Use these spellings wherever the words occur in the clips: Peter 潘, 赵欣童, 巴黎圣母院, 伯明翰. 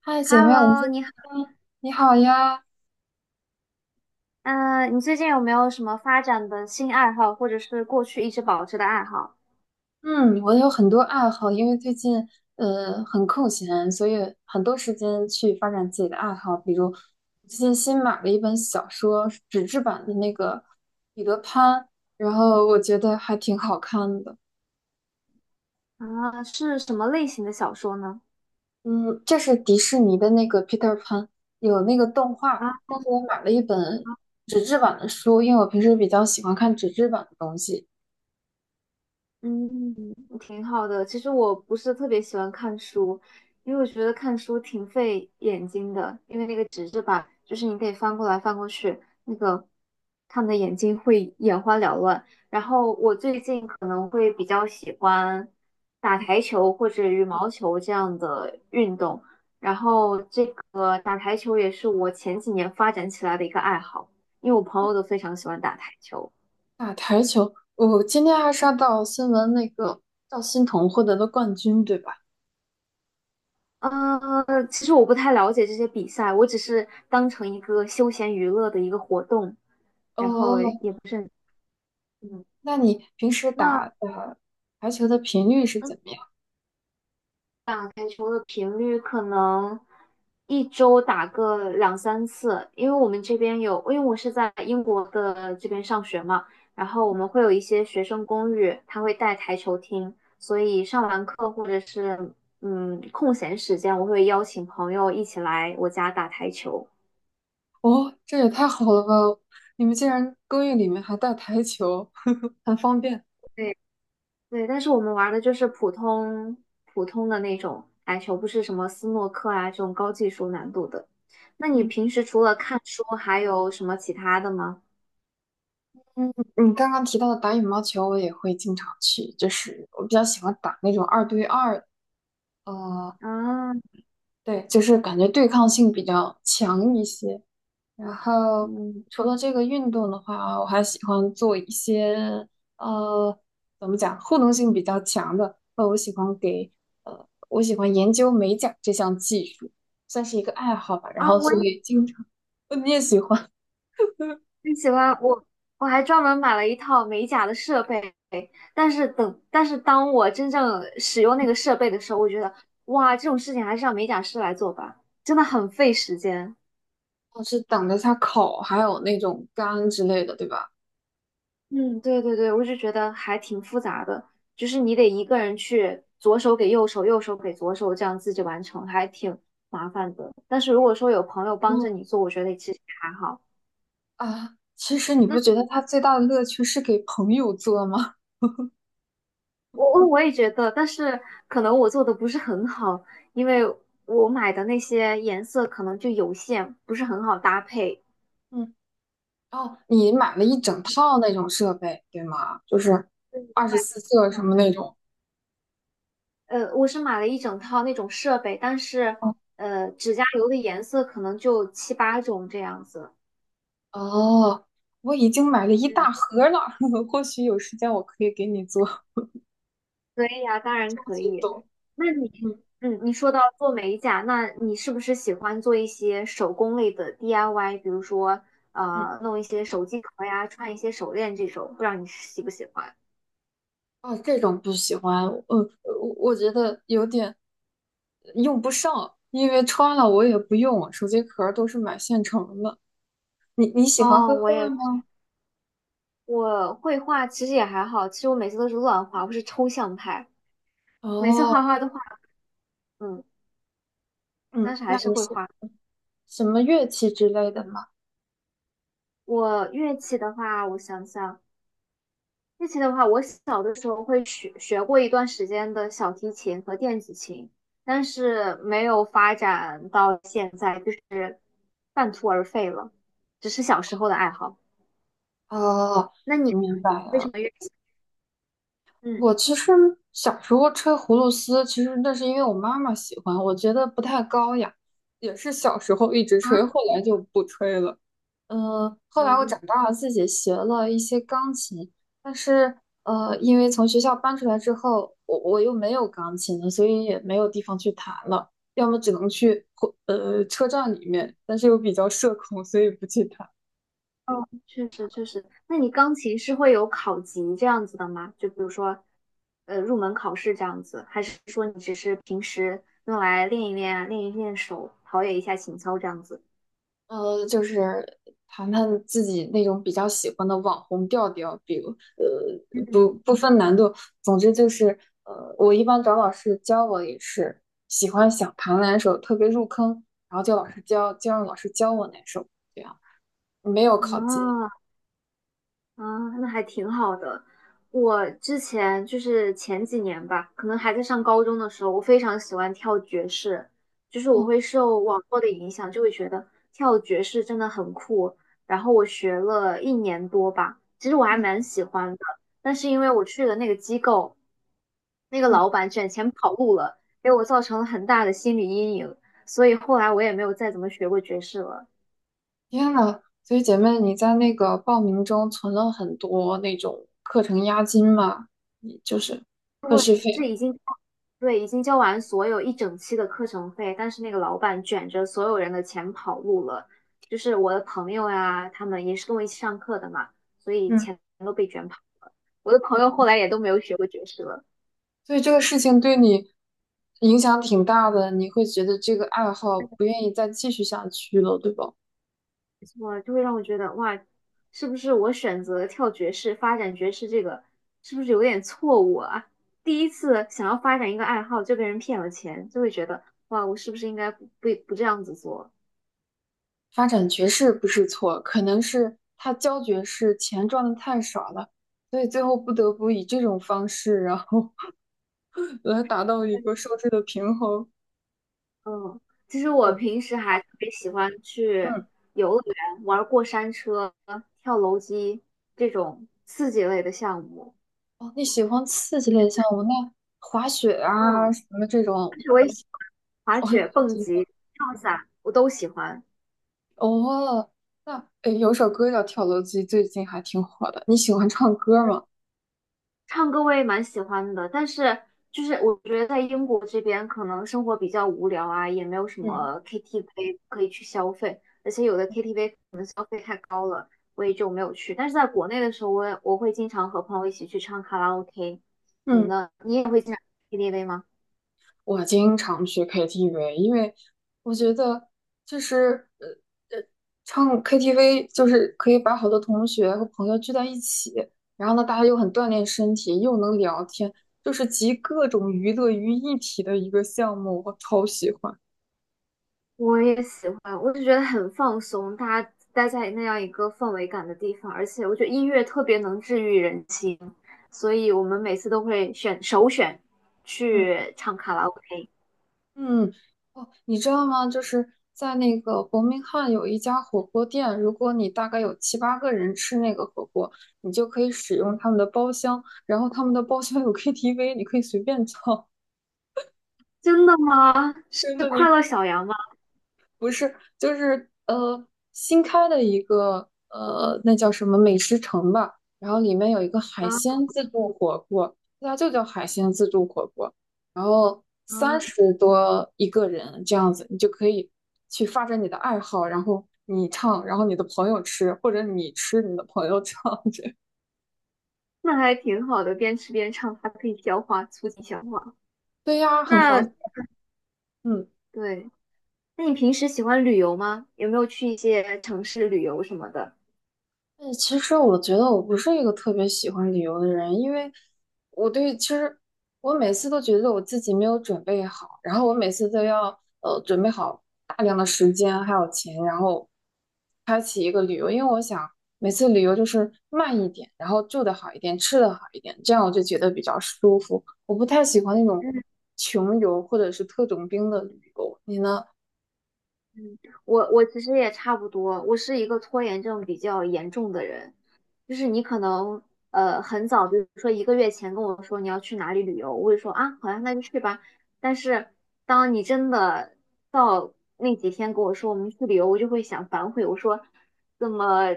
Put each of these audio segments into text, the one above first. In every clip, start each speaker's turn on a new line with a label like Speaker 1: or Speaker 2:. Speaker 1: 嗨，姐妹，我们
Speaker 2: Hello，
Speaker 1: 今
Speaker 2: 你好，
Speaker 1: 天。你好呀。
Speaker 2: 嗯，你最近有没有什么发展的新爱好，或者是过去一直保持的爱好？
Speaker 1: 嗯，我有很多爱好，因为最近很空闲，所以很多时间去发展自己的爱好。比如最近新买了一本小说，是纸质版的那个《彼得潘》，然后我觉得还挺好看的。
Speaker 2: 啊，是什么类型的小说呢？
Speaker 1: 嗯，这是迪士尼的那个《Peter 潘》，有那个动画，
Speaker 2: 啊。
Speaker 1: 但是我买了一本
Speaker 2: 啊。
Speaker 1: 纸质版的书，因为我平时比较喜欢看纸质版的东西。
Speaker 2: 嗯，挺好的。其实我不是特别喜欢看书，因为我觉得看书挺费眼睛的，因为那个纸质版，就是你可以翻过来翻过去，那个看的眼睛会眼花缭乱。然后我最近可能会比较喜欢打台球或者羽毛球这样的运动，然后这个打台球也是我前几年发展起来的一个爱好，因为我朋友都非常喜欢打台球。
Speaker 1: 打台球，我今天还刷到新闻，那个赵欣童获得了冠军，对吧？
Speaker 2: 呃，其实我不太了解这些比赛，我只是当成一个休闲娱乐的一个活动，然后
Speaker 1: 哦，
Speaker 2: 也不是很，嗯，
Speaker 1: 那你平时
Speaker 2: 那
Speaker 1: 打台球的频率是
Speaker 2: 那
Speaker 1: 怎么样？
Speaker 2: 打台球的频率可能一周打个两三次，因为我们这边有，因为我是在英国的这边上学嘛，然后我们会有一些学生公寓，他会带台球厅，所以上完课或者是空闲时间，我会邀请朋友一起来我家打台球。
Speaker 1: 哦，这也太好了吧！你们竟然公寓里面还带台球，很方便。
Speaker 2: 对对，但是我们玩的就是普通的那种台球，不是什么斯诺克啊这种高技术难度的。那你
Speaker 1: 嗯
Speaker 2: 平时除了看书，还有什么其他的吗？
Speaker 1: 嗯，你刚刚提到的打羽毛球，我也会经常去，就是我比较喜欢打那种2对2。呃，
Speaker 2: 啊。
Speaker 1: 对，就是感觉对抗性比较强一些。然后
Speaker 2: 嗯。
Speaker 1: 除了这个运动的话，我还喜欢做一些呃，怎么讲，互动性比较强的。我喜欢研究美甲这项技术，算是一个爱好吧。然
Speaker 2: 啊，
Speaker 1: 后
Speaker 2: 我
Speaker 1: 所
Speaker 2: 也
Speaker 1: 以经常，你也喜欢，
Speaker 2: 很喜欢，我还专门买了一套美甲的设备，但是当我真正使用那个设备的时候，我觉得，哇，这种事情还是让美甲师来做吧，真的很费时间。
Speaker 1: 我是等着它烤，还有那种干之类的，对吧？
Speaker 2: 嗯，对对对，我就觉得还挺复杂的，就是你得一个人去左手给右手，右手给左手，这样自己完成，还挺麻烦的。但是如果说有朋友帮着
Speaker 1: 嗯
Speaker 2: 你做，我觉得其实还好。
Speaker 1: 啊，其实你
Speaker 2: 那
Speaker 1: 不觉得它最大的乐趣是给朋友做吗？
Speaker 2: 我也觉得，但是可能我做的不是很好，因为我买的那些颜色可能就有限，不是很好搭配。
Speaker 1: 嗯。哦，你买了一整套那种设备，对吗？就是
Speaker 2: 对。
Speaker 1: 二十四色什
Speaker 2: 哦，
Speaker 1: 么
Speaker 2: 对，
Speaker 1: 那种。
Speaker 2: 我是买了一整套那种设备，但是
Speaker 1: 哦，
Speaker 2: 指甲油的颜色可能就七八种这样子。
Speaker 1: 哦，我已经买了一
Speaker 2: 嗯。
Speaker 1: 大盒了，或许有时间我可以给你做。我
Speaker 2: 可以呀，当然可
Speaker 1: 不
Speaker 2: 以。
Speaker 1: 懂。
Speaker 2: 那你，
Speaker 1: 嗯
Speaker 2: 嗯，你说到做美甲，那你是不是喜欢做一些手工类的 DIY？比如说，
Speaker 1: 嗯，
Speaker 2: 弄一些手机壳呀，串一些手链这种，不知道你喜不喜欢？
Speaker 1: 哦，这种不喜欢。我觉得有点用不上，因为穿了我也不用，手机壳儿都是买现成的。你喜欢
Speaker 2: 哦，
Speaker 1: 绘画吗？
Speaker 2: 我绘画其实也还好，其实我每次都是乱画，我是抽象派，每次画
Speaker 1: 哦，
Speaker 2: 画都画，嗯，但
Speaker 1: 嗯，
Speaker 2: 是还
Speaker 1: 那
Speaker 2: 是
Speaker 1: 你
Speaker 2: 会
Speaker 1: 是
Speaker 2: 画。
Speaker 1: 什么乐器之类的吗？
Speaker 2: 我乐器的话，我想想。乐器的话，我小的时候学过一段时间的小提琴和电子琴，但是没有发展到现在，就是半途而废了，只是小时候的爱好。
Speaker 1: 哦，
Speaker 2: 那
Speaker 1: 我
Speaker 2: 你
Speaker 1: 明白
Speaker 2: 为什
Speaker 1: 了。
Speaker 2: 么乐器？
Speaker 1: 我
Speaker 2: 嗯。
Speaker 1: 其实小时候吹葫芦丝，其实那是因为我妈妈喜欢，我觉得不太高雅，也是小时候一直吹，
Speaker 2: 啊。
Speaker 1: 后来就不吹了。嗯，后来我
Speaker 2: 嗯。
Speaker 1: 长大了，自己学了一些钢琴，但是因为从学校搬出来之后，我又没有钢琴了，所以也没有地方去弹了，要么只能去车站里面，但是又比较社恐，所以不去弹。
Speaker 2: 哦，确实确实。那你钢琴是会有考级这样子的吗？就比如说，入门考试这样子，还是说你只是平时用来练一练啊、练一练手，陶冶一下情操这样子？
Speaker 1: 就是弹弹自己那种比较喜欢的网红调调，比如。不
Speaker 2: 嗯。
Speaker 1: 不分难度，总之就是，我一般找老师教我也是喜欢想弹哪首特别入坑，然后叫老师教，就让老师教我哪首，这样没有考级。
Speaker 2: 啊。啊，那还挺好的。我之前就是前几年吧，可能还在上高中的时候，我非常喜欢跳爵士，就是我
Speaker 1: 哦，
Speaker 2: 会受网络的影响，就会觉得跳爵士真的很酷。然后我学了一年多吧，其实我还
Speaker 1: 嗯
Speaker 2: 蛮喜欢的，但是因为我去的那个机构，那个
Speaker 1: 嗯，
Speaker 2: 老板卷钱跑路了，给我造成了很大的心理阴影，所以后来我也没有再怎么学过爵士了。
Speaker 1: 天呐，所以姐妹你在那个报名中存了很多那种课程押金嘛，你就是课时费。
Speaker 2: 是。对，已经交完所有一整期的课程费，但是那个老板卷着所有人的钱跑路了，就是我的朋友呀、他们也是跟我一起上课的嘛，所以
Speaker 1: 嗯，
Speaker 2: 钱都被卷跑。我的朋友后来也都没有学过爵士了，
Speaker 1: 所以这个事情对你影响挺大的，你会觉得这个爱好不愿意再继续下去了，对吧？
Speaker 2: 我就会让我觉得哇，是不是我选择跳爵士、发展爵士这个是不是有点错误啊？第一次想要发展一个爱好就被人骗了钱，就会觉得哇，我是不是应该不不不这样子做？
Speaker 1: 发展爵士不是错，可能是他教爵士钱赚的太少了，所以最后不得不以这种方式，然后 来达到一个收支的平衡。
Speaker 2: 嗯，其实我
Speaker 1: 总之。
Speaker 2: 平时还特别喜欢去
Speaker 1: 嗯，
Speaker 2: 游乐园玩过山车、跳楼机这种刺激类的项目，
Speaker 1: 哦，你喜欢刺激类的项目，那滑雪
Speaker 2: 嗯，
Speaker 1: 啊什么这
Speaker 2: 而
Speaker 1: 种，
Speaker 2: 且我也喜欢滑
Speaker 1: 哦，你
Speaker 2: 雪、
Speaker 1: 都
Speaker 2: 蹦
Speaker 1: 喜欢
Speaker 2: 极、跳伞，我都喜欢。
Speaker 1: 哦。那诶，有首歌叫《跳楼机》，最近还挺火的。你喜欢唱歌吗？
Speaker 2: 唱歌我也蛮喜欢的，但是就是我觉得在英国这边可能生活比较无聊啊，也没有什
Speaker 1: 嗯
Speaker 2: 么 KTV 可以去消费，而且有的 KTV 可能消费太高了，我也就没有去。但是在国内的时候，我会经常和朋友一起去唱卡拉 OK。你
Speaker 1: 嗯，
Speaker 2: 呢？你也会经常去 KTV 吗？
Speaker 1: 我经常去 KTV，因为我觉得就是唱 KTV 就是可以把好多同学和朋友聚在一起，然后呢，大家又很锻炼身体，又能聊天，就是集各种娱乐于一体的一个项目，我超喜欢。
Speaker 2: 我也喜欢，我就觉得很放松，大家待在那样一个氛围感的地方，而且我觉得音乐特别能治愈人心，所以我们每次都会选
Speaker 1: 嗯
Speaker 2: 去唱卡拉 OK。
Speaker 1: 嗯，哦，你知道吗？就是在那个伯明翰有一家火锅店，如果你大概有7、8个人吃那个火锅，你就可以使用他们的包厢，然后他们的包厢有 KTV，你可以随便唱，
Speaker 2: 真的吗？是
Speaker 1: 真的，
Speaker 2: 快
Speaker 1: 你
Speaker 2: 乐小羊吗？
Speaker 1: 不是，就是新开的一个那叫什么美食城吧，然后里面有一个海
Speaker 2: 啊。
Speaker 1: 鲜自助火锅，它就叫海鲜自助火锅，然后三
Speaker 2: 啊，
Speaker 1: 十多一个人这样子，你就可以去发展你的爱好，然后你唱，然后你的朋友吃，或者你吃你的朋友唱，这
Speaker 2: 那还挺好的，边吃边唱，还可以消化，促进消化。
Speaker 1: 对呀，很划
Speaker 2: 那
Speaker 1: 算，嗯。
Speaker 2: 对，那你平时喜欢旅游吗？有没有去一些城市旅游什么的？
Speaker 1: 哎，其实我觉得我不是一个特别喜欢旅游的人，因为其实我每次都觉得我自己没有准备好，然后我每次都要准备好大量的时间还有钱，然后每次旅游就是慢一点，然后住的好一点，吃的好一点，这样我就觉得比较舒服。我不太喜欢那种穷游或者是特种兵的旅游，你呢？
Speaker 2: 嗯，我其实也差不多，我是一个拖延症比较严重的人。就是你可能很早，比如说一个月前跟我说你要去哪里旅游，我会说啊，好呀，那就去吧。但是当你真的到那几天跟我说我们去旅游，我就会想反悔，我说怎么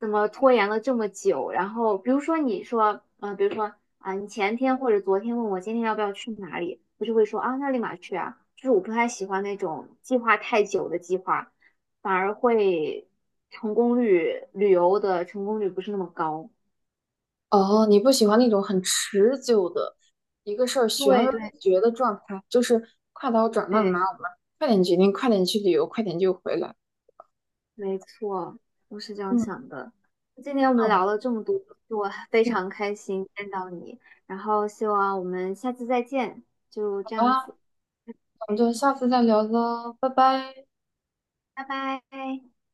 Speaker 2: 怎么拖延了这么久？然后比如说你说，比如说啊，你前天或者昨天问我今天要不要去哪里，我就会说啊，那立马去啊。就是我不太喜欢那种计划太久的计划。反而会成功率，旅游的成功率不是那么高。
Speaker 1: 哦，你不喜欢那种很持久的一个事儿悬
Speaker 2: 对
Speaker 1: 而不
Speaker 2: 对
Speaker 1: 决的状态，就是快刀斩乱麻，
Speaker 2: 对，
Speaker 1: 我们快点决定，快点去旅游，快点就回来。
Speaker 2: 没错，我是这样
Speaker 1: 嗯，
Speaker 2: 想的。今天我
Speaker 1: 那
Speaker 2: 们
Speaker 1: 我们
Speaker 2: 聊了这么多，我非
Speaker 1: 嗯
Speaker 2: 常开心见到你，然后希望我们下次再见，就这
Speaker 1: 好
Speaker 2: 样
Speaker 1: 啦，
Speaker 2: 子，
Speaker 1: 我们
Speaker 2: 嗯。
Speaker 1: 就下次再聊喽，拜拜。
Speaker 2: 拜拜。